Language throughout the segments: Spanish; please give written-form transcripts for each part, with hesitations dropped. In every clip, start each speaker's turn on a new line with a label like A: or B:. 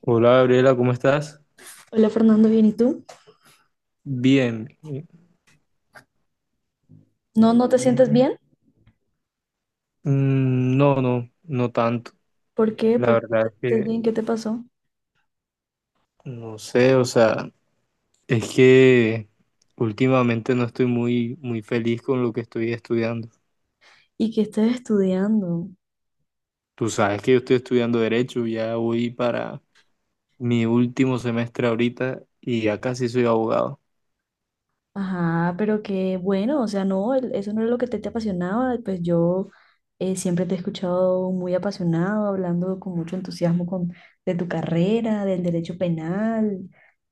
A: Hola Gabriela, ¿cómo estás?
B: Hola Fernando, bien, ¿y tú?
A: Bien.
B: No, no te sientes bien.
A: No, no, no tanto.
B: ¿Por qué?
A: La
B: ¿Por qué no
A: verdad
B: te
A: es
B: sientes
A: que
B: bien? ¿Qué te pasó?
A: no sé, o sea, es que últimamente no estoy muy, muy feliz con lo que estoy estudiando.
B: ¿Y qué estás estudiando?
A: Tú sabes que yo estoy estudiando Derecho, ya voy para mi último semestre ahorita y ya casi soy abogado.
B: Ajá, pero qué bueno, o sea, no, eso no era lo que te apasionaba. Pues yo siempre te he escuchado muy apasionado, hablando con mucho entusiasmo de tu carrera, del derecho penal,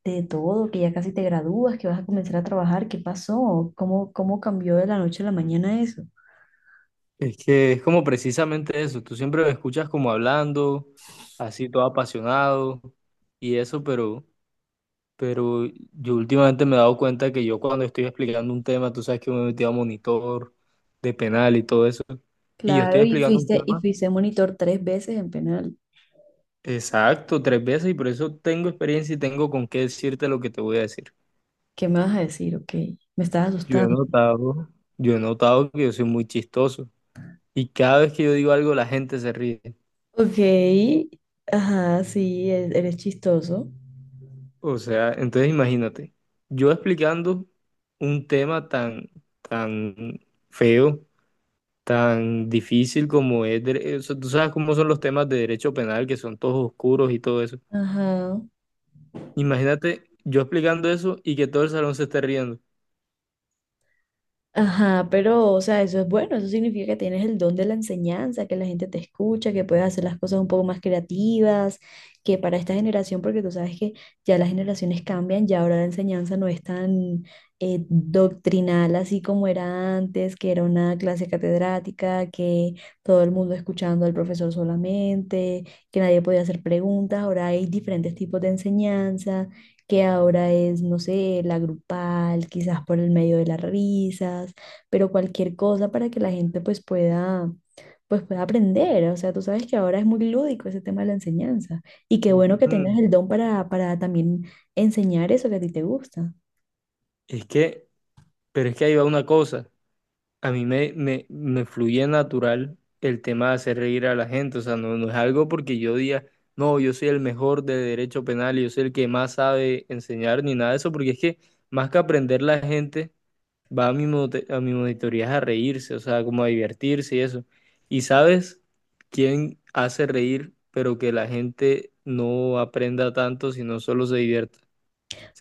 B: de todo, que ya casi te gradúas, que vas a comenzar a trabajar. ¿Qué pasó? ¿Cómo cambió de la noche a la mañana eso?
A: Es que es como precisamente eso, tú siempre me escuchas como hablando, así todo apasionado y eso, pero yo últimamente me he dado cuenta que yo cuando estoy explicando un tema, tú sabes que yo me he a monitor de penal y todo eso, y yo estoy
B: Claro,
A: explicando un
B: y
A: tema
B: fuiste monitor tres veces en penal.
A: exacto tres veces y por eso tengo experiencia y tengo con qué decirte lo que te voy a decir.
B: ¿Qué me vas a decir? Ok, me estás
A: Yo he
B: asustando.
A: notado, yo he notado que yo soy muy chistoso y cada vez que yo digo algo la gente se ríe.
B: Ok, ajá, sí, eres chistoso.
A: O sea, entonces imagínate, yo explicando un tema tan feo tan difícil como es, o sea, tú sabes cómo son los temas de derecho penal, que son todos oscuros y todo eso.
B: Ajá.
A: Imagínate yo explicando eso y que todo el salón se esté riendo.
B: Ajá, pero, o sea, eso es bueno, eso significa que tienes el don de la enseñanza, que la gente te escucha, que puedes hacer las cosas un poco más creativas, que para esta generación, porque tú sabes que ya las generaciones cambian, ya ahora la enseñanza no es tan doctrinal así como era antes, que era una clase catedrática, que todo el mundo escuchando al profesor solamente, que nadie podía hacer preguntas, ahora hay diferentes tipos de enseñanza que ahora es, no sé, la grupal, quizás por el medio de las risas, pero cualquier cosa para que la gente pues pueda aprender. O sea, tú sabes que ahora es muy lúdico ese tema de la enseñanza y qué bueno que tengas
A: Mm,
B: el don para también enseñar eso que a ti te gusta.
A: Es que, pero es que ahí va una cosa. A mí me fluye natural el tema de hacer reír a la gente. O sea, no, no es algo porque yo diga, no, yo soy el mejor de derecho penal y yo soy el que más sabe enseñar ni nada de eso, porque es que más que aprender la gente va a a mi monitoría a reírse, o sea, como a divertirse y eso. ¿Y sabes quién hace reír, pero que la gente no aprenda tanto, sino solo se divierta?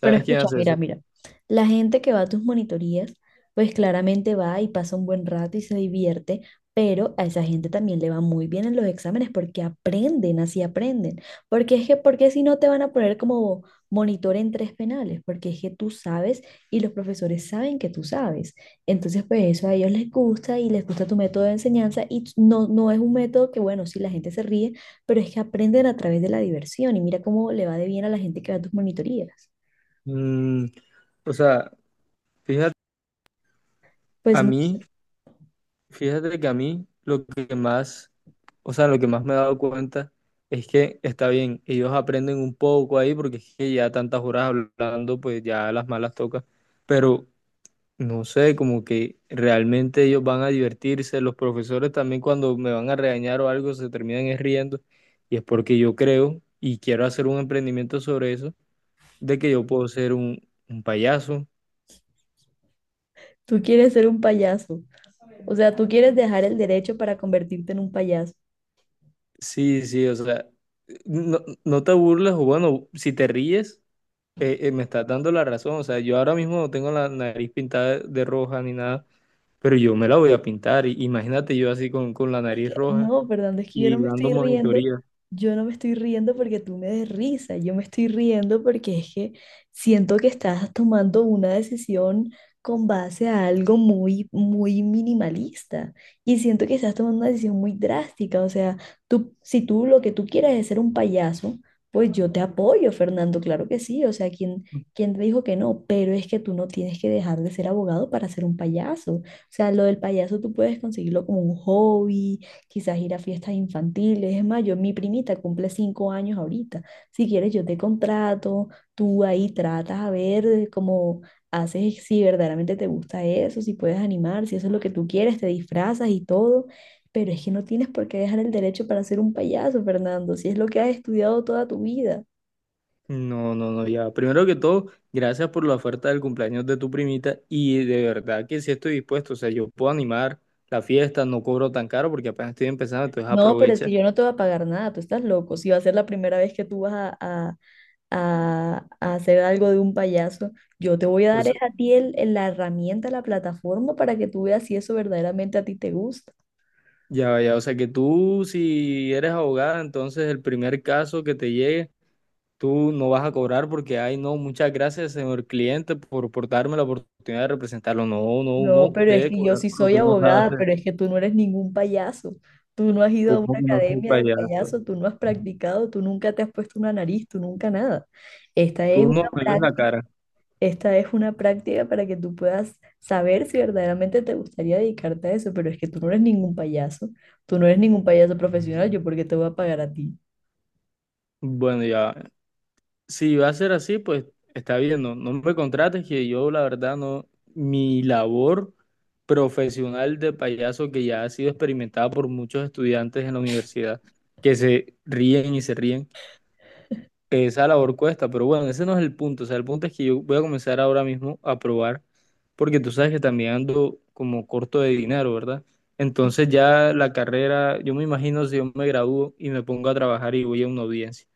B: Pero
A: quién
B: escucha,
A: hace eso?
B: mira, mira, la gente que va a tus monitorías, pues claramente va y pasa un buen rato y se divierte, pero a esa gente también le va muy bien en los exámenes porque aprenden, así aprenden. Porque es que, porque si no te van a poner como monitor en tres penales, porque es que tú sabes y los profesores saben que tú sabes. Entonces, pues eso a ellos les gusta y les gusta tu método de enseñanza y no, no es un método que, bueno, si la gente se ríe, pero es que aprenden a través de la diversión y mira cómo le va de bien a la gente que va a tus monitorías.
A: Mm, o sea, fíjate,
B: Pues
A: a
B: no sé,
A: mí, fíjate que a mí lo que más, o sea, lo que más me he dado cuenta es que está bien, ellos aprenden un poco ahí porque es que ya tantas horas hablando, pues ya las malas toca, pero no sé, como que realmente ellos van a divertirse, los profesores también cuando me van a regañar o algo se terminan es riendo y es porque yo creo y quiero hacer un emprendimiento sobre eso, de que yo puedo ser un payaso.
B: tú quieres ser un payaso. O sea, tú quieres dejar el derecho para convertirte en un payaso.
A: Sí, sí, o sea, no, no te burles o bueno, si te ríes, me estás dando la razón, o sea, yo ahora mismo no tengo la nariz pintada de roja ni nada, pero yo me la voy a pintar, imagínate yo así con la nariz roja
B: No, Fernando, es que yo no
A: y
B: me
A: dando
B: estoy riendo,
A: monitoría.
B: yo no me estoy riendo porque tú me des risa, yo me estoy riendo porque es que siento que estás tomando una decisión con base a algo muy, muy minimalista y siento que estás tomando una decisión muy drástica, o sea, tú, si tú lo que tú quieres es ser un payaso, pues yo te apoyo, Fernando, claro que sí, o sea, ¿quién te dijo que no? Pero es que tú no tienes que dejar de ser abogado para ser un payaso. O sea, lo del payaso tú puedes conseguirlo como un hobby, quizás ir a fiestas infantiles. Es más, yo, mi primita cumple 5 años ahorita. Si quieres, yo te contrato, tú ahí tratas a ver de cómo haces, si verdaderamente te gusta eso, si puedes animar, si eso es lo que tú quieres, te disfrazas y todo. Pero es que no tienes por qué dejar el derecho para ser un payaso, Fernando, si es lo que has estudiado toda tu vida.
A: No, no, no, ya. Primero que todo, gracias por la oferta del cumpleaños de tu primita y de verdad que sí estoy dispuesto, o sea, yo puedo animar la fiesta, no cobro tan caro porque apenas estoy empezando, entonces
B: No, pero es que
A: aprovecha.
B: yo no te voy a pagar nada, tú estás loco. Si va a ser la primera vez que tú vas a hacer algo de un payaso, yo te voy a dar
A: Pues,
B: es a ti la herramienta, la plataforma para que tú veas si eso verdaderamente a ti te gusta.
A: ya, ya, o sea, que tú si eres abogada, entonces el primer caso que te llegue, tú no vas a cobrar porque, ay, no, muchas gracias, señor cliente, por darme la oportunidad de representarlo. No, no,
B: No,
A: uno
B: pero es
A: debe
B: que yo
A: cobrar
B: sí
A: por lo que
B: soy
A: uno sabe
B: abogada,
A: hacer.
B: pero es que tú no eres ningún payaso. Tú no has ido a una
A: ¿Cómo que no soy
B: academia de
A: payaso?
B: payaso, tú no has practicado, tú nunca te has puesto una nariz, tú nunca nada. Esta es
A: Tú
B: una
A: no me ves la
B: práctica,
A: cara.
B: esta es una práctica para que tú puedas saber si verdaderamente te gustaría dedicarte a eso, pero es que tú no eres ningún payaso, tú no eres ningún payaso profesional, yo porque te voy a pagar a ti.
A: Bueno, ya, si va a ser así, pues está bien, no, no me contrates, que yo la verdad no, mi labor profesional de payaso que ya ha sido experimentada por muchos estudiantes en la universidad, que se ríen y se ríen, esa labor cuesta, pero bueno, ese no es el punto, o sea, el punto es que yo voy a comenzar ahora mismo a probar, porque tú sabes que también ando como corto de dinero, ¿verdad? Entonces ya la carrera, yo me imagino si yo me gradúo y me pongo a trabajar y voy a una audiencia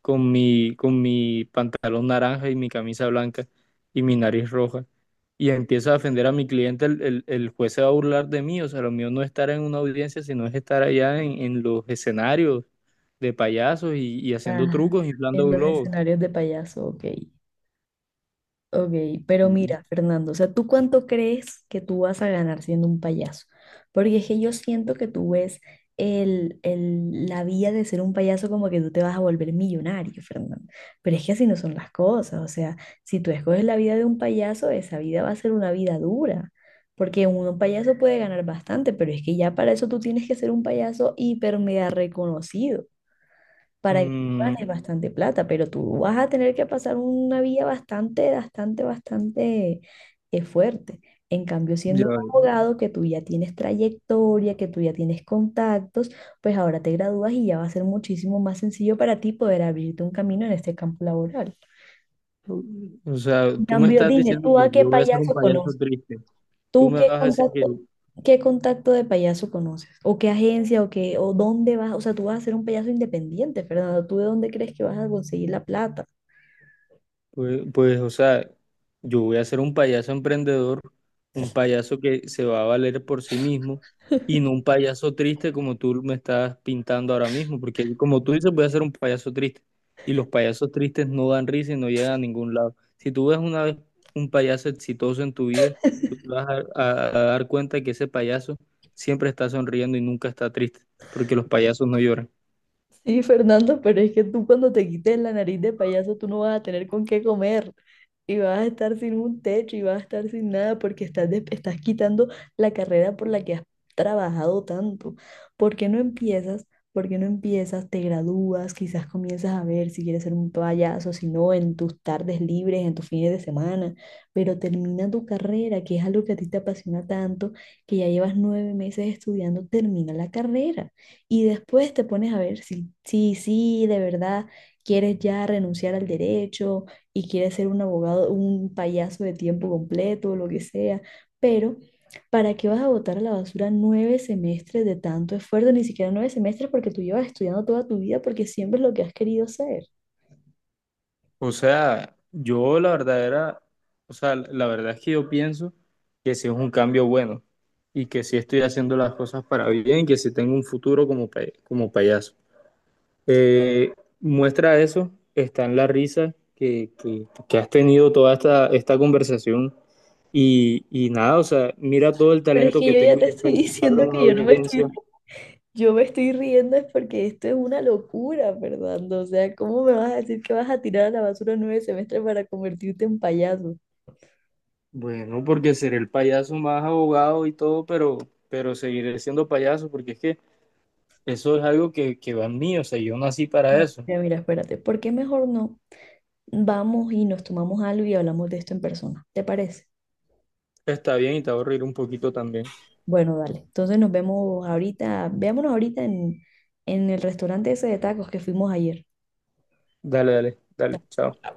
A: con mi pantalón naranja y mi camisa blanca y mi nariz roja. Y empiezo a defender a mi cliente, el juez se va a burlar de mí. O sea, lo mío no es estar en una audiencia, sino es estar allá en los escenarios de payasos y haciendo
B: Ajá,
A: trucos, inflando
B: en los
A: globos.
B: escenarios de payaso, ok. Ok, pero
A: Ujú.
B: mira, Fernando, o sea, ¿tú cuánto crees que tú vas a ganar siendo un payaso? Porque es que yo siento que tú ves la vía de ser un payaso como que tú te vas a volver millonario, Fernando. Pero es que así no son las cosas, o sea, si tú escoges la vida de un payaso, esa vida va a ser una vida dura. Porque un payaso puede ganar bastante, pero es que ya para eso tú tienes que ser un payaso hiper mega reconocido para que tú
A: Mm,
B: ganes bastante plata, pero tú vas a tener que pasar una vía bastante, bastante, bastante fuerte. En cambio, siendo
A: ya,
B: un
A: veo.
B: abogado que tú ya tienes trayectoria, que tú ya tienes contactos, pues ahora te gradúas y ya va a ser muchísimo más sencillo para ti poder abrirte un camino en este campo laboral.
A: O sea,
B: En
A: tú me
B: cambio,
A: estás
B: dime,
A: diciendo
B: ¿tú
A: que
B: a qué
A: yo voy a ser un
B: payaso
A: payaso
B: conoces?
A: triste. Tú
B: ¿Tú
A: me
B: qué
A: vas a decir que,
B: contacto, ¿qué contacto de payaso conoces? ¿O qué agencia o qué, o dónde vas? O sea, tú vas a ser un payaso independiente, Fernando. ¿Tú de dónde crees que vas a conseguir la plata?
A: o sea, yo voy a ser un payaso emprendedor, un payaso que se va a valer por sí mismo y no un payaso triste como tú me estás pintando ahora mismo, porque como tú dices, voy a ser un payaso triste y los payasos tristes no dan risa y no llegan a ningún lado. Si tú ves una vez un payaso exitoso en tu vida, tú te vas a, a dar cuenta que ese payaso siempre está sonriendo y nunca está triste, porque los payasos no lloran.
B: Sí, Fernando, pero es que tú cuando te quites la nariz de payaso, tú no vas a tener con qué comer y vas a estar sin un techo y vas a estar sin nada porque estás quitando la carrera por la que has trabajado tanto. ¿Por qué no empiezas? ¿Por qué no empiezas? Te gradúas, quizás comienzas a ver si quieres ser un payaso, si no, en tus tardes libres, en tus fines de semana, pero termina tu carrera, que es algo que a ti te apasiona tanto, que ya llevas 9 meses estudiando, termina la carrera y después te pones a ver si de verdad quieres ya renunciar al derecho y quiere ser un abogado, un payaso de tiempo completo o lo que sea, pero ¿para qué vas a botar a la basura 9 semestres de tanto esfuerzo? Ni siquiera 9 semestres porque tú llevas estudiando toda tu vida porque siempre es lo que has querido ser.
A: O sea, yo la verdad era, o sea, la verdad es que yo pienso que sí es un cambio bueno y que sí estoy haciendo las cosas para bien, que sí tengo un futuro como, como payaso. Eh, muestra eso, está en la risa que has tenido toda esta conversación y nada, o sea, mira todo el
B: Pero es
A: talento
B: que
A: que
B: yo ya
A: tengo y
B: te estoy
A: desperdiciarlo
B: diciendo
A: en una
B: que yo no me
A: audiencia.
B: estoy, yo me estoy riendo es porque esto es una locura, Fernando. O sea, ¿cómo me vas a decir que vas a tirar a la basura nueve semestres para convertirte en payaso?
A: Bueno, porque seré el payaso más abogado y todo, pero seguiré siendo payaso porque es que... Eso es algo que va en mí, o sea, yo nací para
B: Bueno,
A: eso.
B: mira, mira, espérate, ¿por qué mejor no vamos y nos tomamos algo y hablamos de esto en persona? ¿Te parece?
A: Está bien y te va a reír un poquito también.
B: Bueno, dale. Entonces nos vemos ahorita, veámonos ahorita en el restaurante ese de tacos que fuimos ayer.
A: Dale, dale, dale, chao.